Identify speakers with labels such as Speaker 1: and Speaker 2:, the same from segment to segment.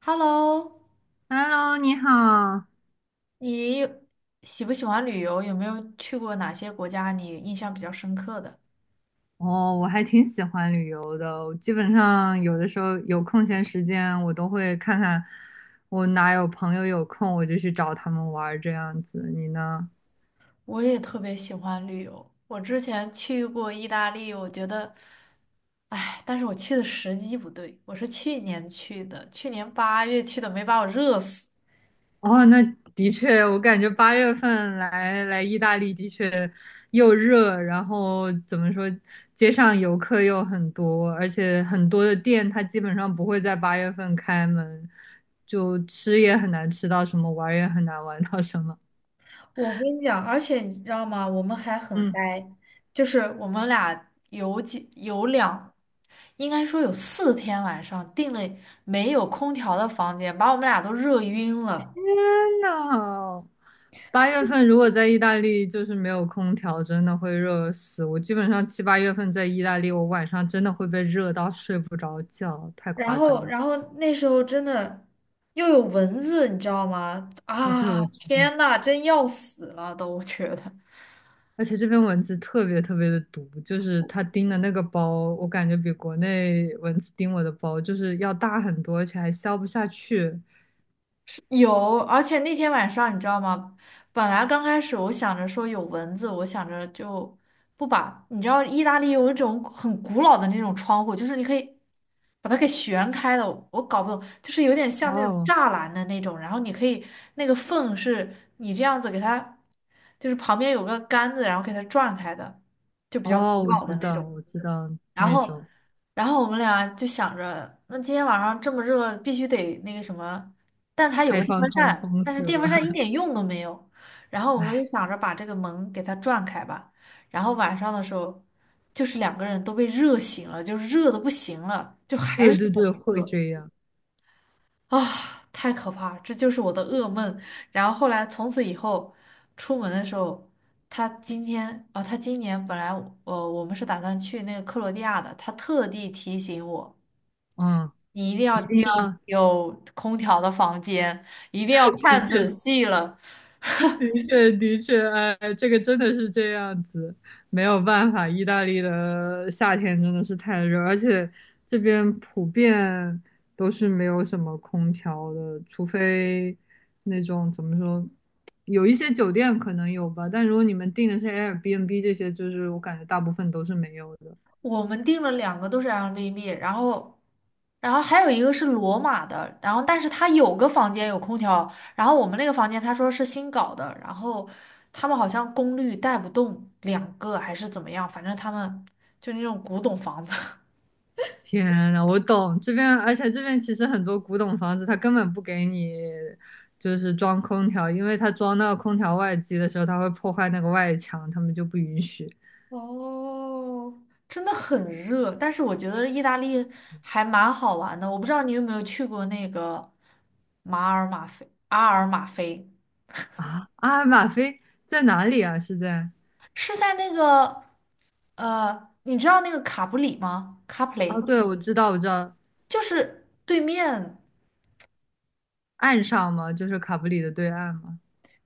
Speaker 1: Hello，
Speaker 2: Hello，你好。
Speaker 1: 你喜不喜欢旅游？有没有去过哪些国家你印象比较深刻的？
Speaker 2: 哦，我还挺喜欢旅游的。我基本上有的时候有空闲时间，我都会看看我哪有朋友有空，我就去找他们玩儿这样子。你呢？
Speaker 1: 我也特别喜欢旅游，我之前去过意大利，我觉得，哎，但是我去的时机不对，我是去年去的，去年8月去的，没把我热死。
Speaker 2: 哦，那的确，我感觉八月份来意大利的确又热，然后怎么说，街上游客又很多，而且很多的店它基本上不会在八月份开门，就吃也很难吃到什么，玩儿也很难玩到什么。
Speaker 1: 我跟你讲，而且你知道吗？我们还很
Speaker 2: 嗯。
Speaker 1: 呆，就是我们俩有几有两，应该说有四天晚上订了没有空调的房间，把我们俩都热晕了。
Speaker 2: 天呐，八月份如果在意大利就是没有空调，真的会热死。我基本上七八月份在意大利，我晚上真的会被热到睡不着觉，太
Speaker 1: 然
Speaker 2: 夸
Speaker 1: 后，
Speaker 2: 张了。
Speaker 1: 然后那时候真的又有蚊子，你知道吗？
Speaker 2: 哦，对，
Speaker 1: 啊，
Speaker 2: 我知道，
Speaker 1: 天呐，真要死了都，我觉得。
Speaker 2: 而且这边蚊子特别特别的毒，就是它叮的那个包，我感觉比国内蚊子叮我的包就是要大很多，而且还消不下去。
Speaker 1: 有，而且那天晚上你知道吗？本来刚开始我想着说有蚊子，我想着就不把。你知道意大利有一种很古老的那种窗户，就是你可以把它给旋开的，我搞不懂，就是有点像那种
Speaker 2: 哦
Speaker 1: 栅栏的那种，然后你可以那个缝是你这样子给它，就是旁边有个杆子，然后给它转开的，就比较
Speaker 2: 哦，
Speaker 1: 古
Speaker 2: 我
Speaker 1: 老
Speaker 2: 知
Speaker 1: 的那
Speaker 2: 道，
Speaker 1: 种。
Speaker 2: 我知道
Speaker 1: 然
Speaker 2: 那
Speaker 1: 后，
Speaker 2: 种
Speaker 1: 然后我们俩就想着，那今天晚上这么热，必须得那个什么。但它有
Speaker 2: 开
Speaker 1: 个电
Speaker 2: 窗
Speaker 1: 风
Speaker 2: 通
Speaker 1: 扇，
Speaker 2: 风
Speaker 1: 但是
Speaker 2: 是
Speaker 1: 电风
Speaker 2: 吧？
Speaker 1: 扇一 点用都没有。然后我们就
Speaker 2: 哎，
Speaker 1: 想着把这个门给它转开吧。然后晚上的时候，就是两个人都被热醒了，就是热的不行了，就还
Speaker 2: 对
Speaker 1: 是
Speaker 2: 对
Speaker 1: 好
Speaker 2: 对，会
Speaker 1: 热。
Speaker 2: 这样，
Speaker 1: 啊，太可怕了，这就是我的噩梦。然后后来从此以后，出门的时候，他今年本来我们是打算去那个克罗地亚的，他特地提醒我，
Speaker 2: 嗯。
Speaker 1: 你一定要
Speaker 2: 一定要，
Speaker 1: 订有空调的房间，一定要
Speaker 2: 的
Speaker 1: 看
Speaker 2: 确，
Speaker 1: 仔细了。
Speaker 2: 的确，的确，哎，这个真的是这样子，没有办法，意大利的夏天真的是太热，而且这边普遍都是没有什么空调的，除非那种怎么说，有一些酒店可能有吧，但如果你们订的是 Airbnb 这些，就是我感觉大部分都是没有的。
Speaker 1: 我们订了两个都是 a i b b 然后还有一个是罗马的，然后但是他有个房间有空调，然后我们那个房间他说是新搞的，然后他们好像功率带不动两个还是怎么样，反正他们就那种古董房子，
Speaker 2: 天呐，我懂这边，而且这边其实很多古董房子，它根本不给你就是装空调，因为它装到空调外机的时候，它会破坏那个外墙，他们就不允许。
Speaker 1: 哦，真的很热。但是我觉得意大利还蛮好玩的，我不知道你有没有去过那个马尔马菲，阿尔马菲
Speaker 2: 啊，阿尔马菲在哪里啊？是在？
Speaker 1: 是在那个你知道那个卡布里吗？卡普
Speaker 2: 哦，
Speaker 1: 里
Speaker 2: 对，我知道，我知道，
Speaker 1: 就是对面。
Speaker 2: 岸上嘛，就是卡布里的对岸嘛。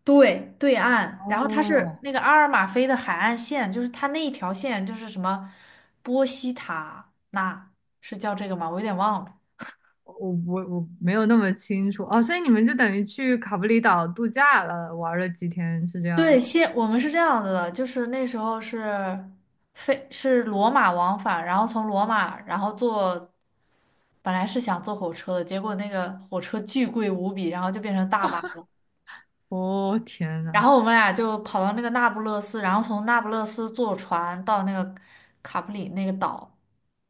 Speaker 1: 对，对岸，然后它是
Speaker 2: 哦，
Speaker 1: 那个阿尔马菲的海岸线，就是它那一条线就是什么波西塔纳，是叫这个吗？我有点忘了。
Speaker 2: 我没有那么清楚。哦，所以你们就等于去卡布里岛度假了，玩了几天，是这样
Speaker 1: 对，
Speaker 2: 吗？
Speaker 1: 先我们是这样子的，就是那时候是飞是罗马往返，然后从罗马，然后坐本来是想坐火车的，结果那个火车巨贵无比，然后就变成大巴了。
Speaker 2: 哦，天
Speaker 1: 然
Speaker 2: 呐，
Speaker 1: 后我们俩就跑到那个那不勒斯，然后从那不勒斯坐船到那个卡普里那个岛，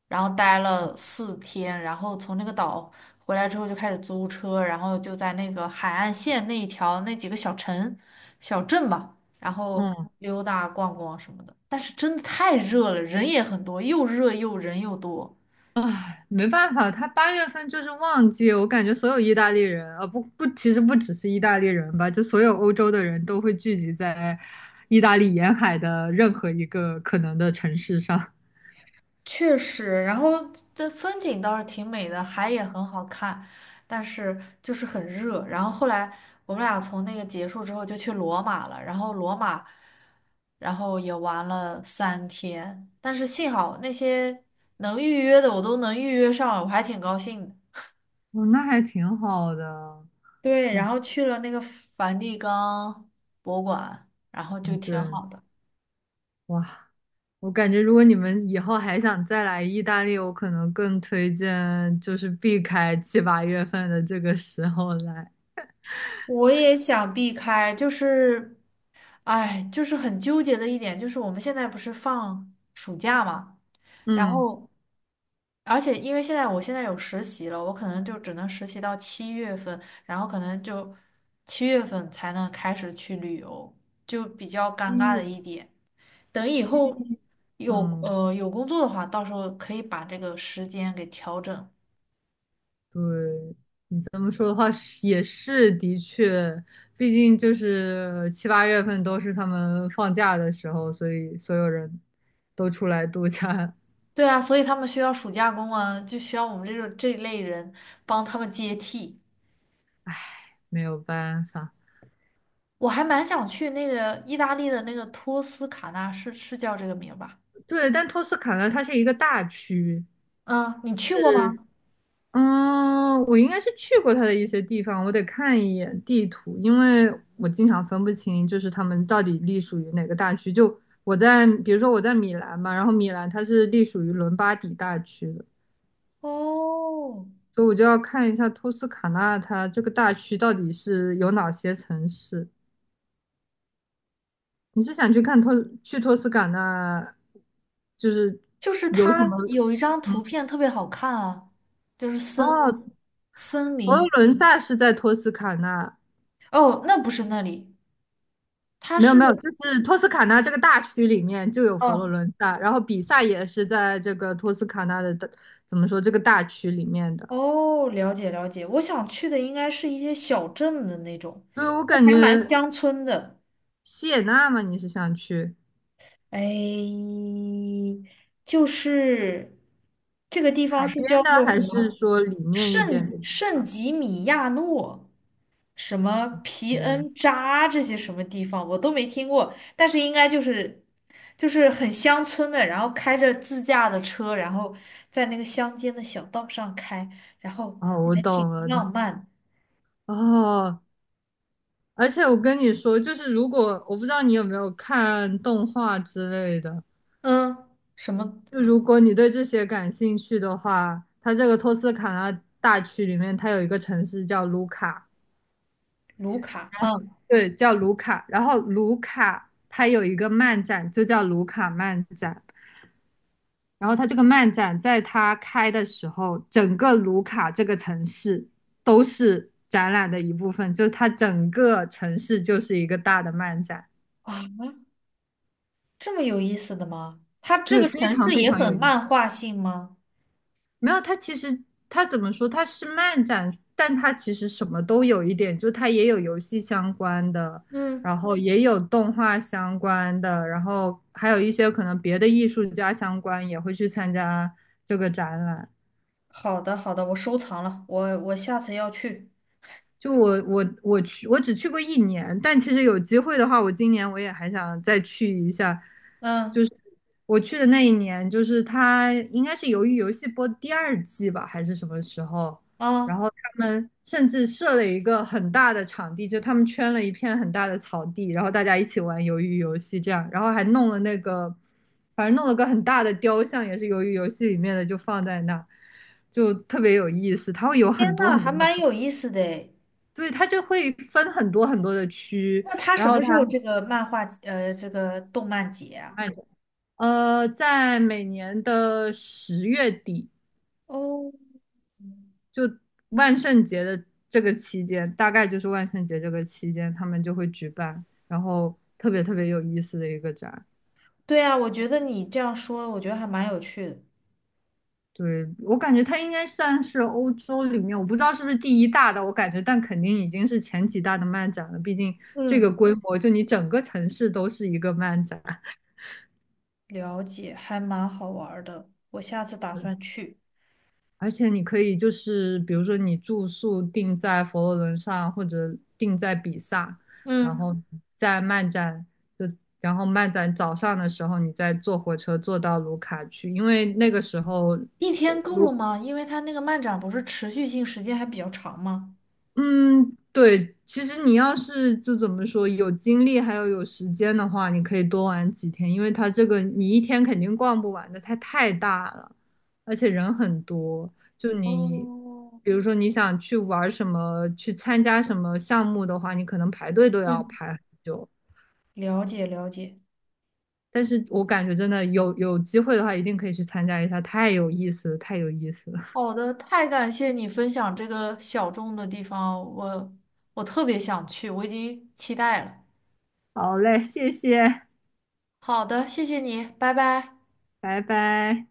Speaker 1: 然后待了四天，然后从那个岛回来之后就开始租车，然后就在那个海岸线那一条那几个小城、小镇吧，然后
Speaker 2: 嗯
Speaker 1: 溜达逛逛什么的。但是真的太热了，人也很多，又热又人又多。
Speaker 2: 唉，没办法，他八月份就是旺季，我感觉所有意大利人，啊，不不，其实不只是意大利人吧，就所有欧洲的人都会聚集在意大利沿海的任何一个可能的城市上。
Speaker 1: 确实，然后这风景倒是挺美的，海也很好看，但是就是很热。然后后来我们俩从那个结束之后就去罗马了，然后罗马，然后也玩了3天，但是幸好那些能预约的我都能预约上了，我还挺高兴的。
Speaker 2: 哦，那还挺好的，
Speaker 1: 对，然后
Speaker 2: 哇，
Speaker 1: 去了那个梵蒂冈博物馆，然后就
Speaker 2: 哦
Speaker 1: 挺
Speaker 2: 对，
Speaker 1: 好的。
Speaker 2: 哇，我感觉如果你们以后还想再来意大利，我可能更推荐就是避开七八月份的这个时候来。
Speaker 1: 我也想避开，就是。哎，就是很纠结的一点，就是我们现在不是放暑假嘛，然
Speaker 2: 嗯
Speaker 1: 后，而且因为现在我现在有实习了，我可能就只能实习到七月份，然后可能就七月份才能开始去旅游，就比较尴尬的
Speaker 2: 嗯，
Speaker 1: 一点。等以
Speaker 2: 七
Speaker 1: 后有
Speaker 2: 嗯。
Speaker 1: 呃有工作的话，到时候可以把这个时间给调整。
Speaker 2: 对，你这么说的话是也是的确，毕竟就是七八月份都是他们放假的时候，所以所有人都出来度假，
Speaker 1: 对啊，所以他们需要暑假工啊，就需要我们这种这一类人帮他们接替。
Speaker 2: 没有办法。
Speaker 1: 我还蛮想去那个意大利的那个托斯卡纳，是叫这个名儿吧？
Speaker 2: 对，但托斯卡纳它是一个大区，
Speaker 1: 嗯，你去过
Speaker 2: 是，
Speaker 1: 吗？
Speaker 2: 嗯，我应该是去过它的一些地方，我得看一眼地图，因为我经常分不清就是他们到底隶属于哪个大区。就我在，比如说我在米兰嘛，然后米兰它是隶属于伦巴底大区的。
Speaker 1: 哦，
Speaker 2: 所以我就要看一下托斯卡纳它这个大区到底是有哪些城市。你是想去去托斯卡纳，就是
Speaker 1: 就是
Speaker 2: 有什
Speaker 1: 它
Speaker 2: 么？
Speaker 1: 有一张图
Speaker 2: 嗯，
Speaker 1: 片特别好看啊，就是森
Speaker 2: 哦，
Speaker 1: 森
Speaker 2: 佛罗
Speaker 1: 林。
Speaker 2: 伦萨是在托斯卡纳，
Speaker 1: 哦，那不是那里，它
Speaker 2: 没有
Speaker 1: 是
Speaker 2: 没有，就是托斯卡纳这个大区里面就有佛罗
Speaker 1: 哦
Speaker 2: 伦萨，然后比萨也是在这个托斯卡纳的大，怎么说这个大区里面的。
Speaker 1: 哦，了解了解。我想去的应该是一些小镇的那种，
Speaker 2: 对，我感
Speaker 1: 还蛮
Speaker 2: 觉
Speaker 1: 乡村的。
Speaker 2: 锡也纳嘛，你是想去
Speaker 1: 哎，就是这个地方
Speaker 2: 海
Speaker 1: 是
Speaker 2: 边
Speaker 1: 叫
Speaker 2: 的，
Speaker 1: 做什
Speaker 2: 还是
Speaker 1: 么？
Speaker 2: 说里面一点
Speaker 1: 圣
Speaker 2: 的地
Speaker 1: 圣
Speaker 2: 方？
Speaker 1: 吉米亚诺、什么皮恩扎这些什么地方我都没听过，但是应该就是就是很乡村的，然后开着自驾的车，然后在那个乡间的小道上开，然后
Speaker 2: 哦，我
Speaker 1: 还挺
Speaker 2: 懂了
Speaker 1: 浪
Speaker 2: 你
Speaker 1: 漫。
Speaker 2: 哦，而且我跟你说，就是如果我不知道你有没有看动画之类的，
Speaker 1: 嗯，什么
Speaker 2: 就如果你对这些感兴趣的话，它这个托斯卡纳大区里面，它有一个城市叫卢卡，
Speaker 1: 卢卡？嗯，
Speaker 2: 对，叫卢卡。然后卢卡它有一个漫展，就叫卢卡漫展。然后他这个漫展在他开的时候，整个卢卡这个城市都是展览的一部分，就是它整个城市就是一个大的漫展。
Speaker 1: 哇，这么有意思的吗？它这
Speaker 2: 对，
Speaker 1: 个
Speaker 2: 非
Speaker 1: 城
Speaker 2: 常
Speaker 1: 市
Speaker 2: 非
Speaker 1: 也
Speaker 2: 常
Speaker 1: 很
Speaker 2: 有意思。
Speaker 1: 漫画性吗？
Speaker 2: 没有，它其实它怎么说？它是漫展，但它其实什么都有一点，就它也有游戏相关的，
Speaker 1: 嗯，
Speaker 2: 然后也有动画相关的，然后还有一些可能别的艺术家相关也会去参加这个展览。
Speaker 1: 好的好的，我收藏了，我下次要去。
Speaker 2: 就我去，我只去过一年，但其实有机会的话，我今年我也还想再去一下。就
Speaker 1: 嗯
Speaker 2: 是我去的那一年，就是它应该是《鱿鱼游戏》播第二季吧，还是什么时候？然
Speaker 1: 啊。
Speaker 2: 后他们甚至设了一个很大的场地，就他们圈了一片很大的草地，然后大家一起玩鱿鱼游戏这样，然后还弄了那个，反正弄了个很大的雕像，也是鱿鱼游戏里面的，就放在那，就特别有意思。它会有很
Speaker 1: 天
Speaker 2: 多
Speaker 1: 呐，
Speaker 2: 很
Speaker 1: 还
Speaker 2: 多的。
Speaker 1: 蛮有意思的诶。
Speaker 2: 对，它就会分很多很多的区，
Speaker 1: 那他
Speaker 2: 然
Speaker 1: 什
Speaker 2: 后
Speaker 1: 么
Speaker 2: 它
Speaker 1: 时候这个漫画呃这个动漫节啊？
Speaker 2: 卖着。在每年的10月底，
Speaker 1: 哦，
Speaker 2: 就万圣节的这个期间，大概就是万圣节这个期间，他们就会举办，然后特别特别有意思的一个展。
Speaker 1: 对啊，我觉得你这样说，我觉得还蛮有趣的。
Speaker 2: 对，我感觉它应该算是欧洲里面，我不知道是不是第一大的，我感觉，但肯定已经是前几大的漫展了。毕竟这个
Speaker 1: 嗯，
Speaker 2: 规模，就你整个城市都是一个漫展。
Speaker 1: 了解，还蛮好玩儿的。我下次打算去。
Speaker 2: 而且你可以就是，比如说你住宿定在佛罗伦萨或者定在比萨，然
Speaker 1: 嗯，
Speaker 2: 后在漫展就，然后漫展早上的时候，你再坐火车坐到卢卡去，因为那个时候
Speaker 1: 一天够
Speaker 2: 卢
Speaker 1: 了吗？因为他那个漫展不是持续性时间还比较长吗？
Speaker 2: 嗯，对，其实你要是就怎么说，有精力还有时间的话，你可以多玩几天，因为它这个你一天肯定逛不完的，它太大了，而且人很多。就你，
Speaker 1: 哦，
Speaker 2: 比如说你想去玩什么，去参加什么项目的话，你可能排队都要
Speaker 1: 嗯，
Speaker 2: 排很久。
Speaker 1: 了解了解。
Speaker 2: 但是我感觉真的有机会的话，一定可以去参加一下，太有意思了，太有意思了。
Speaker 1: 好的，太感谢你分享这个小众的地方，我特别想去，我已经期待了。
Speaker 2: 好嘞，谢谢，
Speaker 1: 好的，谢谢你，拜拜。
Speaker 2: 拜拜。